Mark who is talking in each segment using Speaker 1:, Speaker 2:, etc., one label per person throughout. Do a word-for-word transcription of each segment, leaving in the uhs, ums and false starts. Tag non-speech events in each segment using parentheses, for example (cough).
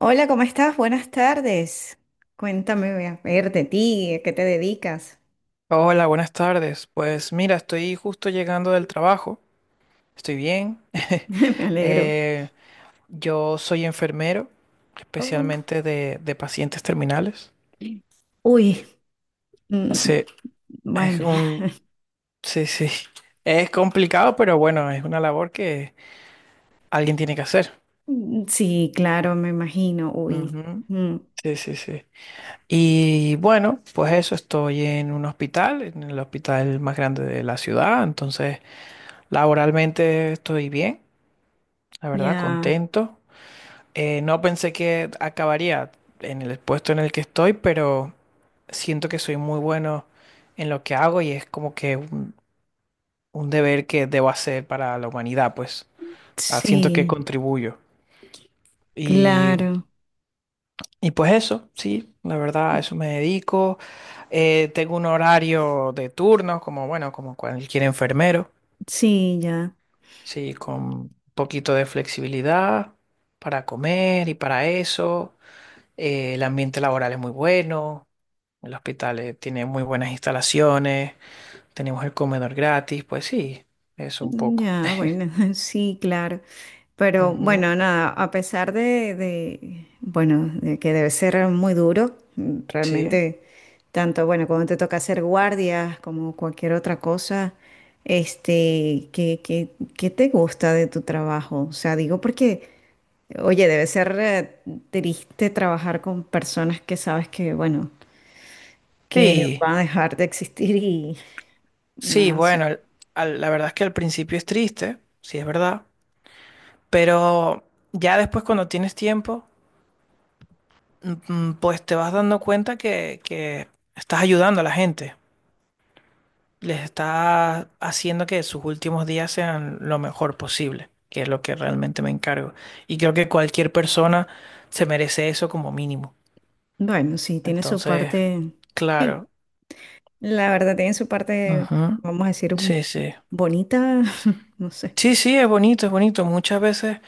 Speaker 1: Hola, ¿cómo estás? Buenas tardes. Cuéntame, a ver, de ti, ¿a qué te dedicas?
Speaker 2: Hola, buenas tardes. Pues mira, estoy justo llegando del trabajo. Estoy bien.
Speaker 1: (laughs)
Speaker 2: (laughs)
Speaker 1: Me alegro.
Speaker 2: Eh, yo soy enfermero,
Speaker 1: Oh,
Speaker 2: especialmente de, de pacientes terminales.
Speaker 1: uy, mm,
Speaker 2: Sí, es
Speaker 1: bueno,
Speaker 2: un, sí, sí. (laughs) Es complicado, pero bueno, es una labor que alguien tiene que hacer.
Speaker 1: mm, sí, claro, me imagino, uy,
Speaker 2: Ujú.
Speaker 1: mm,
Speaker 2: Sí, sí, sí. Y bueno, pues eso, estoy en un hospital, en el hospital más grande de la ciudad, entonces laboralmente estoy bien, la verdad,
Speaker 1: ya,
Speaker 2: contento. Eh, no pensé que acabaría en el puesto en el que estoy, pero siento que soy muy bueno en lo que hago y es como que un, un deber que debo hacer para la humanidad, pues. Ah, siento que
Speaker 1: sí,
Speaker 2: contribuyo. Y,
Speaker 1: claro,
Speaker 2: y pues eso, sí, la verdad, a eso me dedico. Eh, tengo un horario de turnos, como bueno, como cualquier enfermero,
Speaker 1: sí, ya.
Speaker 2: sí, con un poquito de flexibilidad para comer y para eso. Eh, el ambiente laboral es muy bueno. El hospital eh, tiene muy buenas instalaciones, tenemos el comedor gratis, pues sí, eso un
Speaker 1: Mm.
Speaker 2: poco.
Speaker 1: Ya,
Speaker 2: (laughs)
Speaker 1: bueno, (laughs) sí, claro. Pero
Speaker 2: Ujú.
Speaker 1: bueno, nada, a pesar de, de, bueno, de que debe ser muy duro, mm,
Speaker 2: Sí,
Speaker 1: realmente, tanto, bueno, cuando te toca hacer guardias como cualquier otra cosa, este, ¿qué, qué, qué te gusta de tu trabajo? O sea, digo porque, oye, debe ser eh, triste trabajar con personas que sabes que, bueno, que
Speaker 2: sí,
Speaker 1: van a dejar de existir y,
Speaker 2: sí,
Speaker 1: no sé.
Speaker 2: bueno, al- al- la verdad es que al principio es triste, sí es verdad, pero ya después cuando tienes tiempo, mm, mm, pues te vas dando cuenta que, que estás ayudando a la gente, les estás haciendo que sus últimos días sean lo mejor posible, que es lo que realmente me encargo. Y creo que cualquier persona se merece eso como mínimo.
Speaker 1: Bueno, sí, tiene su
Speaker 2: Entonces,
Speaker 1: parte. Sí,
Speaker 2: claro.
Speaker 1: la verdad tiene su parte,
Speaker 2: Ujú.
Speaker 1: vamos a decir, un-
Speaker 2: Sí, sí.
Speaker 1: bonita, (laughs) no sé.
Speaker 2: Sí, sí, es bonito, es bonito. Muchas veces,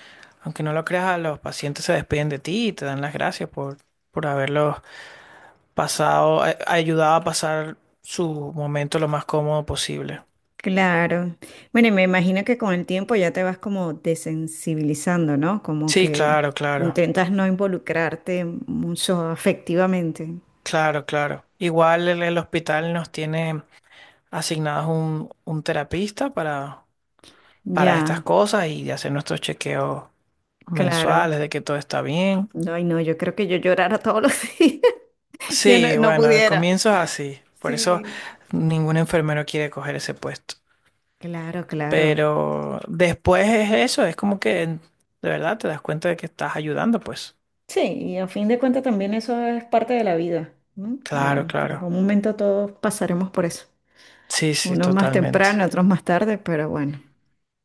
Speaker 2: aunque no lo creas, los pacientes se despiden de ti y te dan las gracias por, por haberlos pasado, a- ayudado a pasar su momento lo más cómodo posible.
Speaker 1: Claro. Bueno, y me imagino que con el tiempo ya te vas como desensibilizando, ¿no? Como
Speaker 2: Sí,
Speaker 1: que
Speaker 2: claro, claro,
Speaker 1: intentas no involucrarte mucho afectivamente.
Speaker 2: claro, claro. Igual el, el hospital nos tiene asignados un, un terapista para, para estas
Speaker 1: Ya,
Speaker 2: cosas y hacer nuestros chequeos
Speaker 1: claro.
Speaker 2: mensuales de que todo está bien.
Speaker 1: No, ay, no, yo creo que yo llorara todos los (laughs) días. Yo no,
Speaker 2: Sí,
Speaker 1: no
Speaker 2: bueno, al
Speaker 1: pudiera.
Speaker 2: comienzo es así. Por eso
Speaker 1: Sí.
Speaker 2: ningún enfermero quiere coger ese puesto.
Speaker 1: Claro, claro.
Speaker 2: Pero después es eso, es como que de verdad te das cuenta de que estás ayudando, pues.
Speaker 1: Sí, y a fin de cuentas también eso es parte de la vida, ¿no?
Speaker 2: Claro,
Speaker 1: Ya, en algún
Speaker 2: claro.
Speaker 1: momento todos pasaremos por eso.
Speaker 2: Sí, sí,
Speaker 1: Unos más
Speaker 2: totalmente.
Speaker 1: temprano, otros más tarde, pero bueno,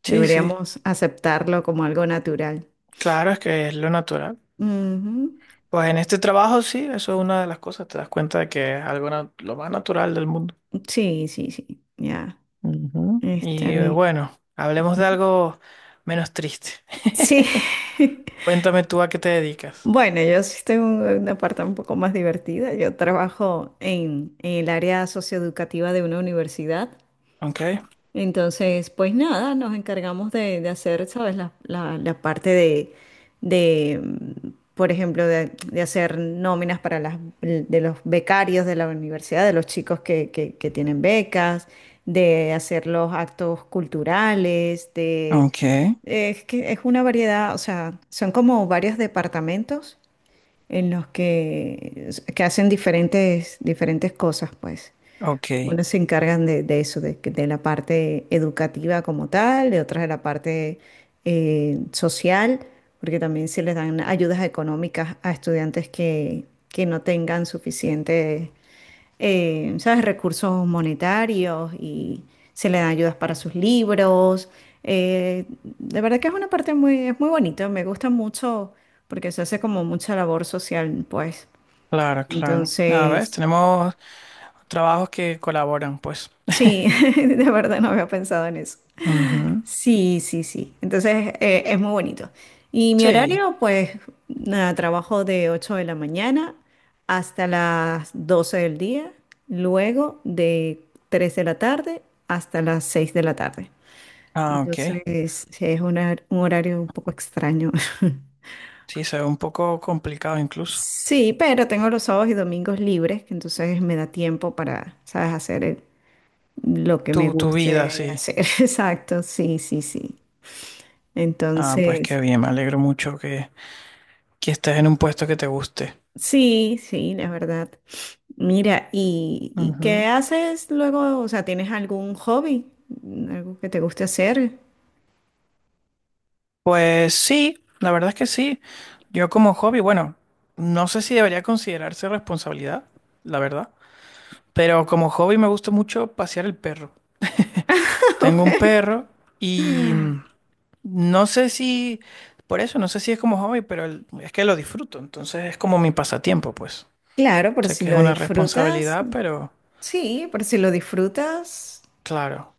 Speaker 2: Sí, sí.
Speaker 1: deberíamos aceptarlo como algo natural.
Speaker 2: Claro, es que es lo natural.
Speaker 1: Ujú.
Speaker 2: Pues en este trabajo sí, eso es una de las cosas. Te das cuenta de que es algo na- lo más natural del mundo.
Speaker 1: Sí, sí, sí, ya,
Speaker 2: Ujú.
Speaker 1: está
Speaker 2: Y eh,
Speaker 1: bien.
Speaker 2: bueno, hablemos de
Speaker 1: (laughs)
Speaker 2: algo menos triste.
Speaker 1: Sí.
Speaker 2: (laughs)
Speaker 1: (laughs)
Speaker 2: Cuéntame tú a qué te dedicas.
Speaker 1: Bueno, yo sí tengo una parte un poco más divertida. Yo trabajo en, en el área socioeducativa de una universidad.
Speaker 2: Ok.
Speaker 1: Entonces, pues nada, nos encargamos de, de hacer, ¿sabes? La, la- la parte de, de, mm, por ejemplo, de, de hacer nóminas para las, de los becarios de la universidad, de los chicos que, que- que tienen becas, de hacer los actos culturales, de...
Speaker 2: Ok.
Speaker 1: Es que es una variedad, o sea, son como varios departamentos en los que, que hacen diferentes, diferentes cosas, pues.
Speaker 2: Ok,
Speaker 1: Unos se encargan de, de eso, de, que- de la parte educativa como tal, de otras de la parte eh, social, porque también se les dan ayudas económicas a estudiantes que, que no tengan suficientes, eh, ¿sabes?, recursos monetarios y se les dan ayudas para sus libros. Eh, de verdad que es una parte muy, es muy bonita, me gusta mucho porque se hace como mucha labor social, pues.
Speaker 2: claro, claro. A ver,
Speaker 1: Entonces...
Speaker 2: tenemos trabajos que colaboran, pues.
Speaker 1: Sí,
Speaker 2: (laughs)
Speaker 1: (laughs) de verdad no había pensado en eso.
Speaker 2: Ujú.
Speaker 1: Sí, sí, sí. Entonces eh, es muy bonito. Y mi
Speaker 2: Sí,
Speaker 1: horario, pues nada, trabajo de ocho de la mañana hasta las doce del día, luego de tres de la tarde hasta las seis de la tarde.
Speaker 2: ah, ok.
Speaker 1: Entonces sí, es una- un horario un poco extraño. (laughs)
Speaker 2: Sí, se ve un poco complicado incluso.
Speaker 1: Sí, pero tengo los sábados y domingos libres, que entonces me da tiempo para, ¿sabes? Hacer eh, lo que
Speaker 2: Tu,
Speaker 1: me
Speaker 2: tu vida,
Speaker 1: guste
Speaker 2: sí.
Speaker 1: hacer. (laughs) Exacto, sí, sí, sí.
Speaker 2: Ah, pues
Speaker 1: Entonces,
Speaker 2: qué bien, me alegro mucho que, que estés en un puesto que te guste.
Speaker 1: sí, sí, la verdad. Mira, ¿y, y qué
Speaker 2: Ujú.
Speaker 1: haces luego? O sea, ¿tienes algún hobby? ¿Algo que te guste hacer?
Speaker 2: Pues sí, la verdad es que sí. Yo como hobby, bueno, no sé si debería considerarse responsabilidad, la verdad, pero como hobby me gusta mucho pasear el perro. Tengo un
Speaker 1: (laughs)
Speaker 2: perro y... mm, no sé si, por eso, no sé si es como hobby, pero el- es que lo disfruto, entonces es como mi pasatiempo, pues.
Speaker 1: Claro, por
Speaker 2: Sé
Speaker 1: si
Speaker 2: que es
Speaker 1: lo
Speaker 2: una
Speaker 1: disfrutas.
Speaker 2: responsabilidad, pero
Speaker 1: Sí, por si lo disfrutas.
Speaker 2: claro,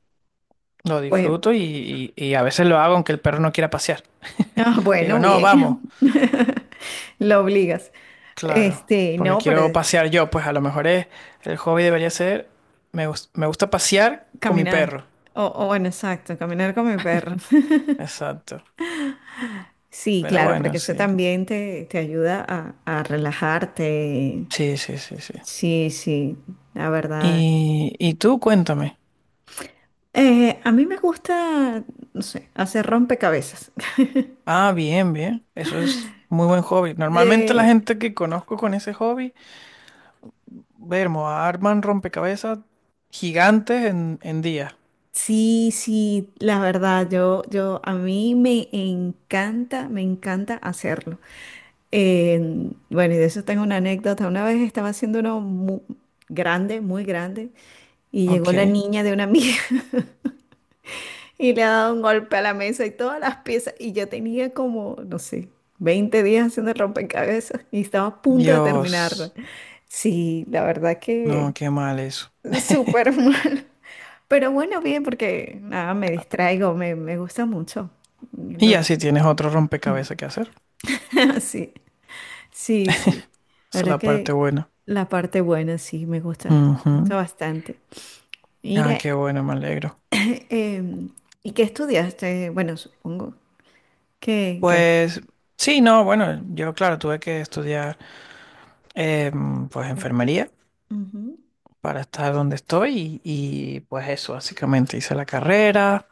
Speaker 2: lo
Speaker 1: Pues,
Speaker 2: disfruto y, y, y a veces lo hago aunque el perro no quiera pasear.
Speaker 1: ah,
Speaker 2: Le digo,
Speaker 1: bueno,
Speaker 2: no,
Speaker 1: bien.
Speaker 2: vamos,
Speaker 1: (laughs) Lo obligas.
Speaker 2: claro,
Speaker 1: Este,
Speaker 2: porque
Speaker 1: no, pero
Speaker 2: quiero pasear yo, pues a lo mejor es, el hobby debería ser, me, gus- me gusta pasear con mi
Speaker 1: caminar.
Speaker 2: perro.
Speaker 1: O, o bueno, exacto, caminar con mi perro. (laughs)
Speaker 2: Exacto,
Speaker 1: Sí,
Speaker 2: pero
Speaker 1: claro,
Speaker 2: bueno,
Speaker 1: porque eso
Speaker 2: sí,
Speaker 1: también te, te ayuda a, a relajarte.
Speaker 2: sí, sí, sí, sí.
Speaker 1: Sí, sí, la verdad.
Speaker 2: Y, y tú cuéntame.
Speaker 1: Eh, a mí me gusta, no sé, hacer rompecabezas. (laughs)
Speaker 2: Ah, bien, bien. Eso es muy buen hobby. Normalmente la
Speaker 1: Eh,
Speaker 2: gente que conozco con ese hobby, vermo, arman rompecabezas gigantes en, en días.
Speaker 1: sí, sí, la verdad, yo, yo, a mí me encanta, me encanta hacerlo. Eh, bueno, y de eso tengo una anécdota. Una vez estaba haciendo uno muy grande, muy grande, y llegó la
Speaker 2: Ok.
Speaker 1: niña de una amiga. Y le ha dado un golpe a la mesa y todas las piezas. Y yo tenía como, no sé, veinte días haciendo el rompecabezas y estaba a punto de terminarla.
Speaker 2: Dios.
Speaker 1: Sí, la verdad
Speaker 2: No,
Speaker 1: que
Speaker 2: qué mal eso.
Speaker 1: súper (laughs)
Speaker 2: (laughs)
Speaker 1: mal. Pero bueno, bien, porque nada, me distraigo, me, me gusta mucho.
Speaker 2: Y
Speaker 1: Lo,
Speaker 2: así tienes otro rompecabezas que hacer.
Speaker 1: (laughs) sí, sí, sí. La
Speaker 2: Esa es
Speaker 1: verdad
Speaker 2: la parte
Speaker 1: que
Speaker 2: buena.
Speaker 1: la parte buena sí me gusta, me gusta
Speaker 2: Ujú.
Speaker 1: bastante.
Speaker 2: Ah,
Speaker 1: Mira,
Speaker 2: qué bueno, me alegro.
Speaker 1: em, ¿y qué estudiaste? Bueno, supongo que, que...
Speaker 2: Pues sí, no, bueno, yo claro, tuve que estudiar em, pues enfermería
Speaker 1: Ujú.
Speaker 2: para estar donde estoy y, y, pues eso, básicamente hice la carrera.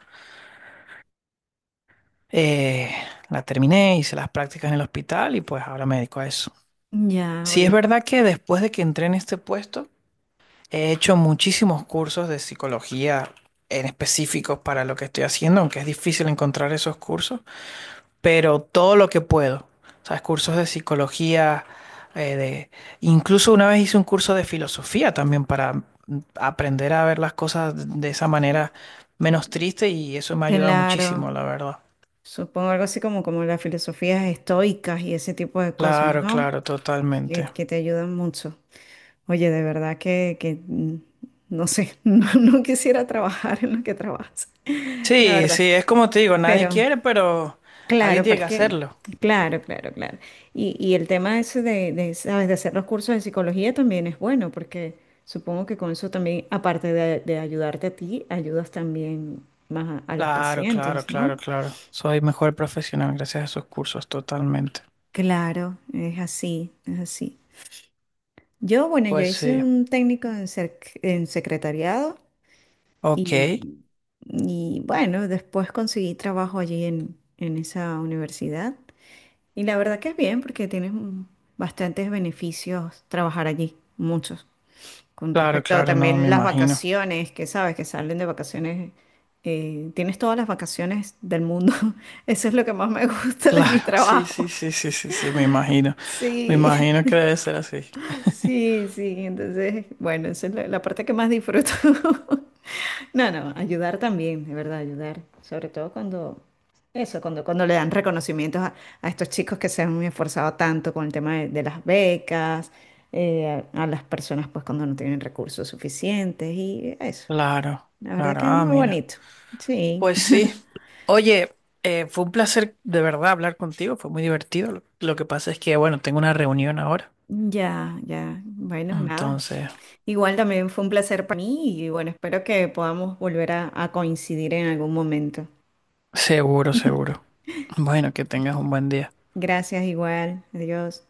Speaker 2: Eh, la terminé, hice las prácticas en el hospital y pues ahora me dedico a eso.
Speaker 1: Ya,
Speaker 2: Sí, es
Speaker 1: oye,
Speaker 2: verdad que después de que entré en este puesto, he hecho muchísimos cursos de psicología en específicos para lo que estoy haciendo, aunque es difícil encontrar esos cursos, pero todo lo que puedo. O sea, cursos de psicología, eh, de... incluso una vez hice un curso de filosofía también para mm, aprender a ver las cosas de esa manera menos triste y eso me ha ayudado
Speaker 1: claro.
Speaker 2: muchísimo, la verdad.
Speaker 1: Supongo algo así como, como las filosofías estoicas y ese tipo de cosas,
Speaker 2: Claro,
Speaker 1: ¿no?
Speaker 2: claro,
Speaker 1: Que,
Speaker 2: totalmente.
Speaker 1: que te ayudan mucho. Oye, de verdad que, que mm, no sé, (laughs) no, no quisiera trabajar en lo que trabajas, (laughs) la
Speaker 2: Sí,
Speaker 1: verdad.
Speaker 2: sí, es como te digo, nadie
Speaker 1: Pero,
Speaker 2: quiere, pero alguien
Speaker 1: claro,
Speaker 2: tiene
Speaker 1: pero
Speaker 2: que
Speaker 1: es que,
Speaker 2: hacerlo.
Speaker 1: claro, claro, claro. Y, y el tema ese de, de, ¿sabes? De hacer los cursos de psicología también es bueno, porque supongo que con eso también, aparte de, de ayudarte a ti, ayudas también más a a los
Speaker 2: Claro, claro,
Speaker 1: pacientes, ¿no?
Speaker 2: claro, claro. Soy mejor profesional gracias a esos cursos, totalmente.
Speaker 1: Claro, es así, es así. Yo, bueno, yo
Speaker 2: Pues
Speaker 1: hice
Speaker 2: sí.
Speaker 1: un técnico en, sec- en secretariado y,
Speaker 2: Ok.
Speaker 1: y, bueno, después conseguí trabajo allí en, en esa universidad. Y la verdad que es bien porque tienes mm, bastantes beneficios trabajar allí, muchos. Con
Speaker 2: Claro,
Speaker 1: respecto a
Speaker 2: claro, no, me
Speaker 1: también las
Speaker 2: imagino. (laughs)
Speaker 1: vacaciones, que sabes que salen de vacaciones, eh, tienes todas las vacaciones del mundo. (laughs) Eso es lo que más me gusta de mi
Speaker 2: Claro, sí, sí,
Speaker 1: trabajo.
Speaker 2: sí, sí, sí, sí, me imagino. Me
Speaker 1: Sí.
Speaker 2: imagino que debe ser así. (laughs)
Speaker 1: Sí, sí, entonces, bueno, esa es la, la parte que más disfruto. (laughs) No, no, ayudar también, de verdad, ayudar. Sobre todo cuando, eso, cuando, cuando le dan reconocimientos a, a estos chicos que se han esforzado tanto con el tema de, de las becas, eh, a, a las personas pues cuando no tienen recursos suficientes y eso.
Speaker 2: Claro,
Speaker 1: La verdad
Speaker 2: claro,
Speaker 1: que es
Speaker 2: ah,
Speaker 1: muy
Speaker 2: mira.
Speaker 1: bonito. Sí,
Speaker 2: Pues sí. Oye, eh, fue un placer de verdad hablar contigo, fue muy divertido. Lo, lo que pasa es que, bueno, tengo una reunión ahora.
Speaker 1: ya, ya. Bueno, nada.
Speaker 2: Entonces,
Speaker 1: Igual también fue un placer para mí y bueno, espero que podamos volver a a coincidir en algún momento.
Speaker 2: seguro, seguro. Bueno, que tengas un buen día.
Speaker 1: Gracias igual. Adiós.